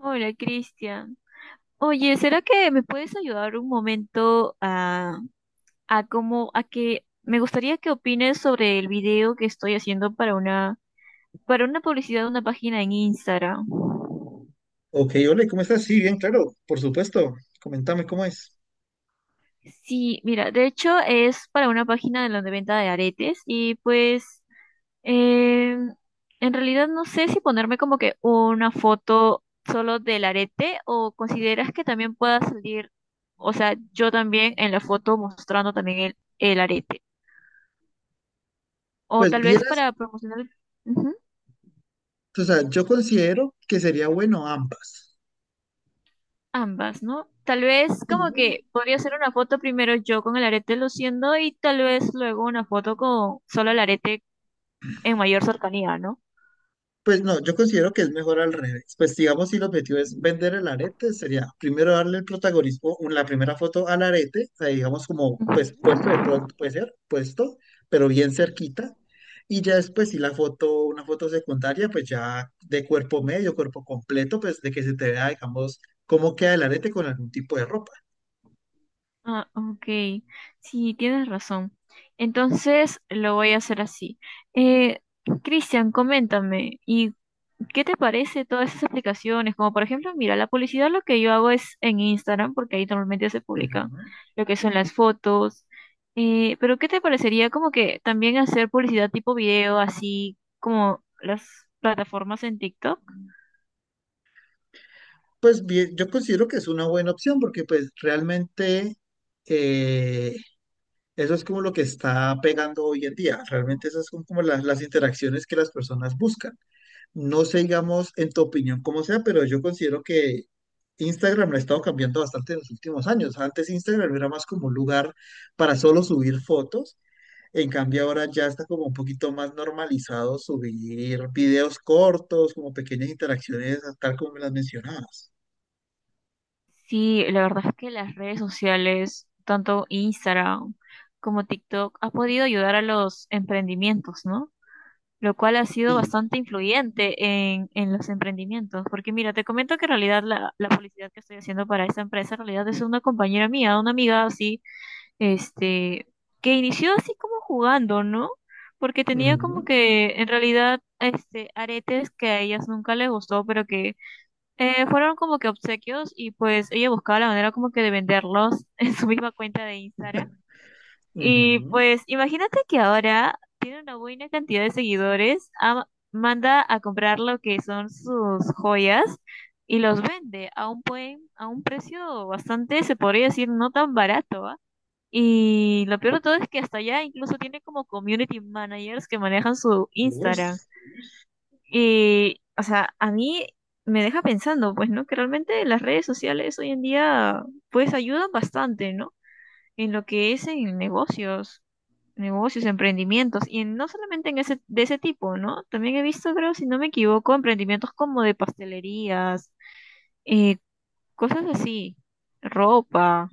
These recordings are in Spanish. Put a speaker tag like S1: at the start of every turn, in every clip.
S1: Hola, Cristian. Oye, ¿será que me puedes ayudar un momento a que me gustaría que opines sobre el video que estoy haciendo para una publicidad de una página en Instagram?
S2: Ok, hola, ¿cómo estás? Sí, bien, claro, por supuesto. Coméntame cómo es.
S1: Sí, mira, de hecho es para una página de la de venta de aretes y pues eh, en realidad no sé si ponerme como que una foto solo del arete o consideras que también pueda salir, o sea, yo también en la foto mostrando también el arete. O
S2: Pues
S1: tal vez
S2: vieras,
S1: para promocionar ujú,
S2: o sea, yo considero que sería bueno ambas.
S1: ambas, ¿no? Tal vez como que
S2: Sí.
S1: podría hacer una foto primero yo con el arete luciendo y tal vez luego una foto con solo el arete en mayor cercanía, ¿no?
S2: Pues no, yo considero que es mejor al revés. Pues digamos, si el objetivo es
S1: Ujú.
S2: vender el arete, sería primero darle el protagonismo, la primera foto al arete, o sea, digamos como, pues puesto de pronto, puede ser, puesto, pero bien cerquita. Y ya después, si la foto, una foto secundaria, pues ya de cuerpo medio, cuerpo completo, pues de que se te vea, digamos, cómo queda el arete con algún tipo de ropa.
S1: Ah, ok. Sí, tienes razón. Entonces lo voy a hacer así. Eh, Cristian, coméntame, ¿qué te parece todas esas aplicaciones? Como por ejemplo, mira, la publicidad lo que yo hago es en Instagram, porque ahí normalmente se publican
S2: Ujú.
S1: lo que son las fotos. Pero ¿qué te parecería como que también hacer publicidad tipo video, así como las plataformas en TikTok?
S2: Pues bien, yo considero que es una buena opción porque pues realmente eh, eso es como lo que está pegando hoy en día. Realmente esas son como las interacciones que las personas buscan. No sé, digamos, en tu opinión, cómo sea, pero yo considero que Instagram lo ha estado cambiando bastante en los últimos años. Antes Instagram era más como un lugar para solo subir fotos. En cambio, ahora ya está como un poquito más normalizado subir videos cortos, como pequeñas interacciones, tal como me las mencionabas.
S1: Sí, la verdad es que las redes sociales, tanto Instagram como TikTok, ha podido ayudar a los emprendimientos, ¿no? Lo cual ha sido
S2: Sí.
S1: bastante influyente en los emprendimientos. Porque mira, te comento que en realidad la publicidad que estoy haciendo para esa empresa en realidad es una compañera mía, una amiga así, este, que inició así como jugando, ¿no? Porque tenía como
S2: Ujú,
S1: que en realidad este aretes que a ellas nunca les gustó, pero que fueron como que obsequios y pues ella buscaba la manera como que de venderlos en su misma cuenta de Instagram. Y
S2: ujú.
S1: pues imagínate que ahora tiene una buena cantidad de seguidores, manda a comprar lo que son sus joyas y los vende a un buen, a un precio bastante, se podría decir, no tan barato, ¿ah? Y lo peor de todo es que hasta allá incluso tiene como community managers que manejan su
S2: Uy,
S1: Instagram. Y, o sea, a mí me deja pensando, pues, ¿no? Que realmente las redes sociales hoy en día, pues, ayudan bastante, ¿no? En lo que es en negocios, negocios, emprendimientos, y no solamente en ese, de ese tipo, ¿no? También he visto, creo, si no me equivoco, emprendimientos como de pastelerías, eh, cosas así, ropa,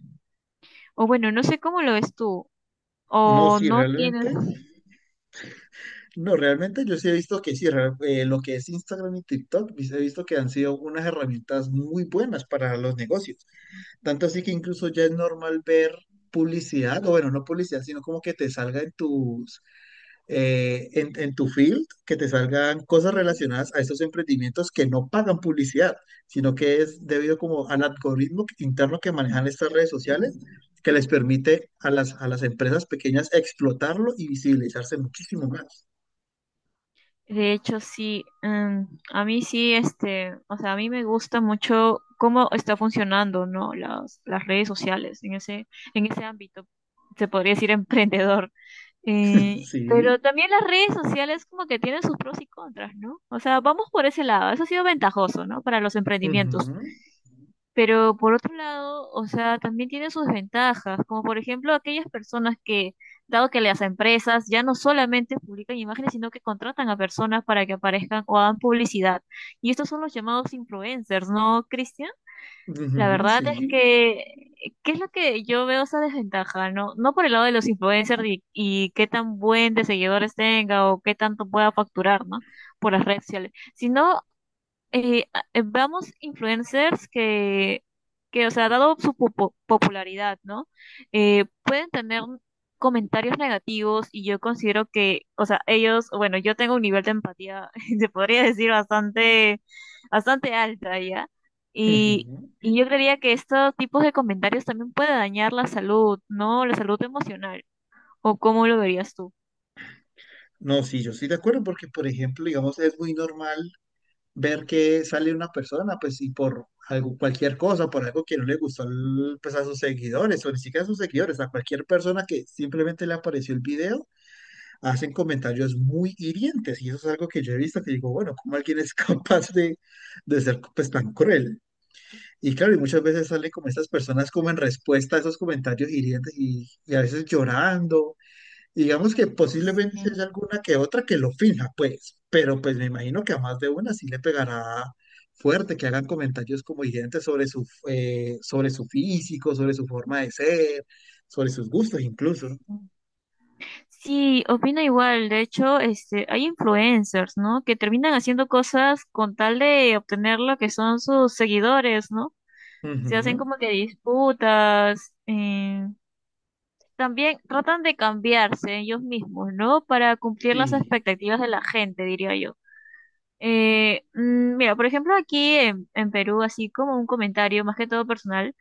S1: o bueno, no sé cómo lo ves tú,
S2: no,
S1: o
S2: sí,
S1: no tienes.
S2: realmente. No, realmente yo sí he visto que sí, lo que es Instagram y TikTok, pues, he visto que han sido unas herramientas muy buenas para los negocios. Tanto así que incluso ya es normal ver publicidad, o bueno, no publicidad, sino como que te salga en en tu field, que te salgan cosas relacionadas a estos emprendimientos que no pagan publicidad, sino que es debido como al algoritmo interno que manejan estas redes sociales, que les permite a las empresas pequeñas explotarlo y visibilizarse muchísimo más.
S1: De hecho, sí, a mí sí, este, o sea, a mí me gusta mucho cómo está funcionando, ¿no? Las redes sociales en ese ámbito, se podría decir emprendedor.
S2: Sí.
S1: Pero también las redes sociales como que tienen sus pros y contras, ¿no? O sea, vamos por ese lado. Eso ha sido ventajoso, ¿no? Para los emprendimientos.
S2: Ujú,
S1: Pero por otro lado, o sea, también tiene sus ventajas, como por ejemplo aquellas personas que, dado que las empresas ya no solamente publican imágenes, sino que contratan a personas para que aparezcan o hagan publicidad. Y estos son los llamados influencers, ¿no, Cristian? La
S2: ujú,
S1: verdad
S2: sí.
S1: es que, ¿qué es lo que yo veo esa desventaja? No, no por el lado de los influencers y qué tan buen de seguidores tenga o qué tanto pueda facturar, ¿no? Por las redes sociales, sino vamos influencers o sea, dado su popularidad, ¿no? Pueden tener comentarios negativos y yo considero que, o sea, ellos, bueno, yo tengo un nivel de empatía, se podría decir, bastante, bastante alta, ¿ya? Y,
S2: Ujú.
S1: y yo creería que estos tipos de comentarios también puede dañar la salud, ¿no? La salud emocional. ¿O cómo lo verías tú?
S2: No, sí, yo estoy de acuerdo porque, por ejemplo, digamos, es muy normal ver que sale una persona, pues, y por algo, cualquier cosa, por algo que no le gustó, pues, a sus seguidores, o ni siquiera a sus seguidores, a cualquier persona que simplemente le apareció el video, hacen comentarios muy hirientes, y eso es algo que yo he visto, que digo, bueno, ¿cómo alguien es capaz de, ser, pues, tan cruel? Y claro, y muchas veces salen como estas personas como en respuesta a esos comentarios hirientes y a veces llorando. Digamos que posiblemente si
S1: Sí.
S2: haya alguna que otra que lo finja, pues, pero pues me imagino que a más de una sí le pegará fuerte, que hagan comentarios como hirientes sobre sobre su físico, sobre su forma de ser, sobre sus gustos incluso.
S1: Sí, opino igual. De hecho, este, hay influencers, ¿no? Que terminan haciendo cosas con tal de obtener lo que son sus seguidores, ¿no? Se
S2: Ujú,
S1: hacen como que disputas. También tratan de cambiarse ellos mismos, ¿no? Para cumplir las
S2: Sí,
S1: expectativas de la gente, diría yo. Mira, por ejemplo, aquí en Perú, así como un comentario más que todo personal,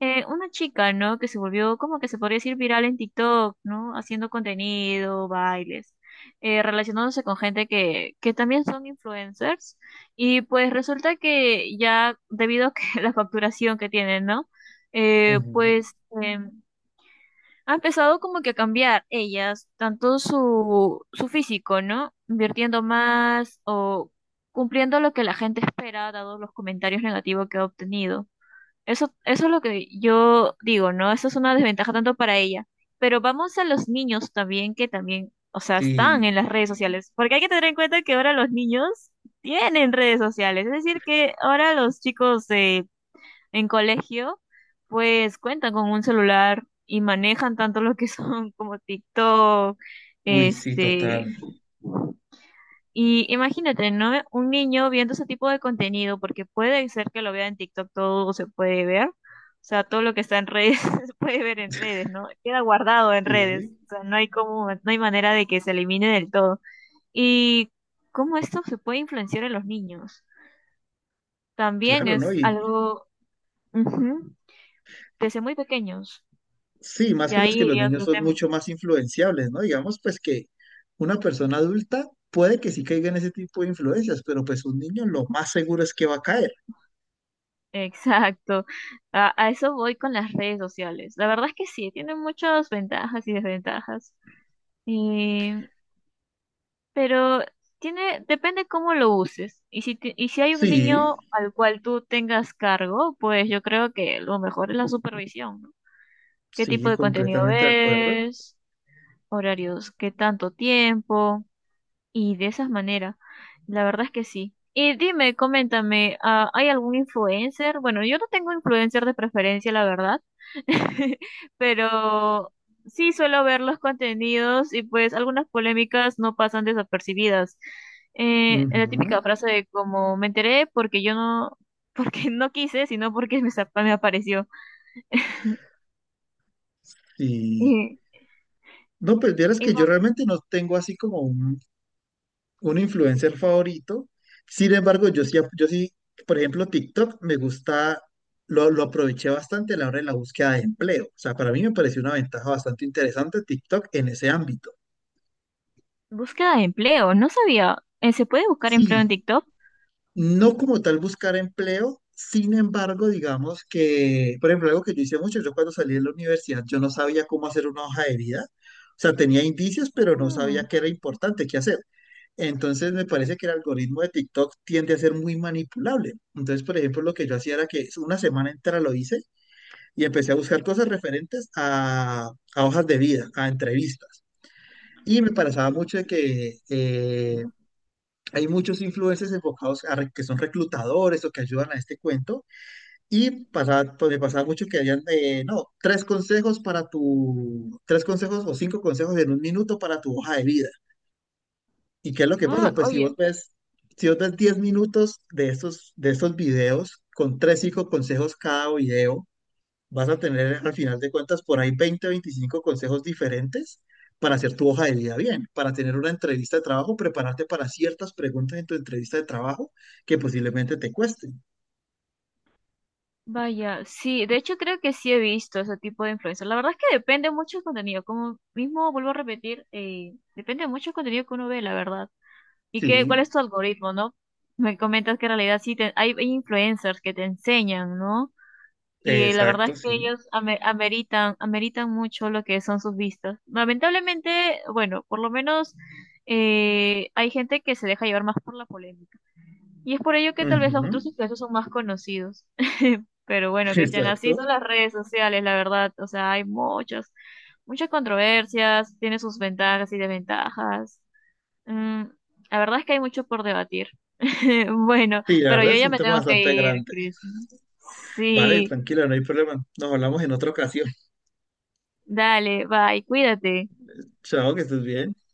S1: una chica, ¿no? Que se volvió como que se podría decir viral en TikTok, ¿no? Haciendo contenido, bailes, relacionándose con gente que también son influencers. Y pues resulta que ya debido a que la facturación que tienen, ¿no?
S2: ujú,
S1: Pues em, ha empezado como que a cambiar ellas, tanto su físico, ¿no? Invirtiendo más o cumpliendo lo que la gente espera, dado los comentarios negativos que ha obtenido. Eso es lo que yo digo, ¿no? Eso es una desventaja tanto para ella. Pero vamos a los niños también, que también, o sea, están en las
S2: sí,
S1: redes sociales. Porque hay que tener en cuenta que ahora los niños tienen redes sociales. Es decir, que ahora los chicos de en colegio, pues cuentan con un celular y manejan tanto lo que son como TikTok,
S2: uy, sí,
S1: este,
S2: total.
S1: y imagínate, ¿no? Un niño viendo ese tipo de contenido, porque puede ser que lo vea en TikTok, todo se puede ver, o sea, todo lo que está en redes se puede ver en redes, ¿no? Queda guardado en redes,
S2: Sí,
S1: o sea, no hay como, no hay manera de que se elimine del todo. Y cómo esto se puede influenciar en los niños, también
S2: claro, ¿no?
S1: es
S2: Y,
S1: algo, ujú, desde muy pequeños.
S2: Sí, más
S1: Y
S2: que pues
S1: ahí
S2: que los
S1: iría
S2: niños
S1: otro
S2: son
S1: tema.
S2: mucho más influenciables, ¿no? Digamos pues que una persona adulta puede que sí caiga en ese tipo de influencias, pero pues un niño lo más seguro es que va a caer.
S1: Exacto. A eso voy con las redes sociales. La verdad es que sí, tiene muchas ventajas y desventajas. Eh, pero tiene, depende cómo lo uses. Y si hay un
S2: Sí,
S1: niño al cual tú tengas cargo, pues yo creo que lo mejor es la supervisión, ¿no? ¿Qué tipo
S2: sí,
S1: de contenido
S2: completamente de acuerdo.
S1: ves? ¿Horarios? ¿Qué tanto tiempo? Y de esas maneras, la verdad es que sí. Y dime, coméntame, ah, ¿hay algún influencer? Bueno, yo no tengo influencer de preferencia, la verdad, pero sí suelo ver los contenidos y pues algunas polémicas no pasan desapercibidas. La
S2: Ujú,
S1: típica frase de como me enteré porque yo no, porque no quise, sino porque me apareció.
S2: sí.
S1: Y,
S2: No, pues vieras
S1: y
S2: que yo
S1: va-
S2: realmente no tengo así como un influencer favorito. Sin embargo, yo sí, por ejemplo, TikTok me gusta, lo aproveché bastante a la hora de la búsqueda de empleo. O sea, para mí me pareció una ventaja bastante interesante TikTok en ese ámbito.
S1: Búsqueda de empleo, no sabía. ¿Se puede buscar empleo en
S2: Sí,
S1: TikTok?
S2: no como tal buscar empleo, sin embargo, digamos que, por ejemplo, algo que yo hice mucho, yo cuando salí de la universidad, yo no sabía cómo hacer una hoja de vida, o sea, tenía indicios, pero no sabía
S1: Mm.
S2: qué era importante, qué hacer. Entonces, me parece que el algoritmo de TikTok tiende a ser muy manipulable. Entonces, por ejemplo, lo que yo hacía era que una semana entera lo hice y empecé a buscar cosas referentes a hojas de vida, a entrevistas. Y me parecía mucho de que hay muchos influencers enfocados a que son reclutadores o que ayudan a este cuento y pasa, pues, me pasaba mucho que habían, no, tres consejos tres consejos o cinco consejos en 1 minuto para tu hoja de vida. ¿Y qué es lo que pasa?
S1: Ah,
S2: Pues
S1: oye.
S2: si vos ves 10 minutos de estos, videos con tres, cinco consejos cada video, vas a tener al final de cuentas por ahí 20 25 consejos diferentes para hacer tu hoja de vida bien, para tener una entrevista de trabajo, prepararte para ciertas preguntas en tu entrevista de trabajo que posiblemente te cuesten.
S1: Vaya, sí, de hecho creo que sí he visto ese tipo de influencers. La verdad es que depende mucho del contenido, como mismo vuelvo a repetir, depende mucho del contenido que uno ve, la verdad. ¿Y
S2: Sí,
S1: cuál es tu algoritmo, no? Me comentas que en realidad hay, hay influencers que te enseñan, ¿no? Y la verdad es
S2: exacto,
S1: que
S2: sí.
S1: ellos ameritan mucho lo que son sus vistas. Lamentablemente, bueno, por lo menos hay gente que se deja llevar más por la polémica. Y es por ello que tal vez los
S2: Ujú,
S1: otros influencers son más conocidos. Pero bueno, Cristian, así son
S2: exacto.
S1: las redes sociales, la verdad. O sea, hay muchas, muchas controversias, tiene sus ventajas y desventajas. Mm, la verdad es que hay mucho por debatir. Bueno,
S2: Sí, la
S1: pero
S2: verdad
S1: yo
S2: es
S1: ya
S2: un
S1: me
S2: tema
S1: tengo que
S2: bastante
S1: ir,
S2: grande.
S1: Cris.
S2: Vale,
S1: Sí,
S2: tranquila, no hay problema. Nos hablamos en otra ocasión.
S1: dale, bye, cuídate.
S2: Chao, que estés bien.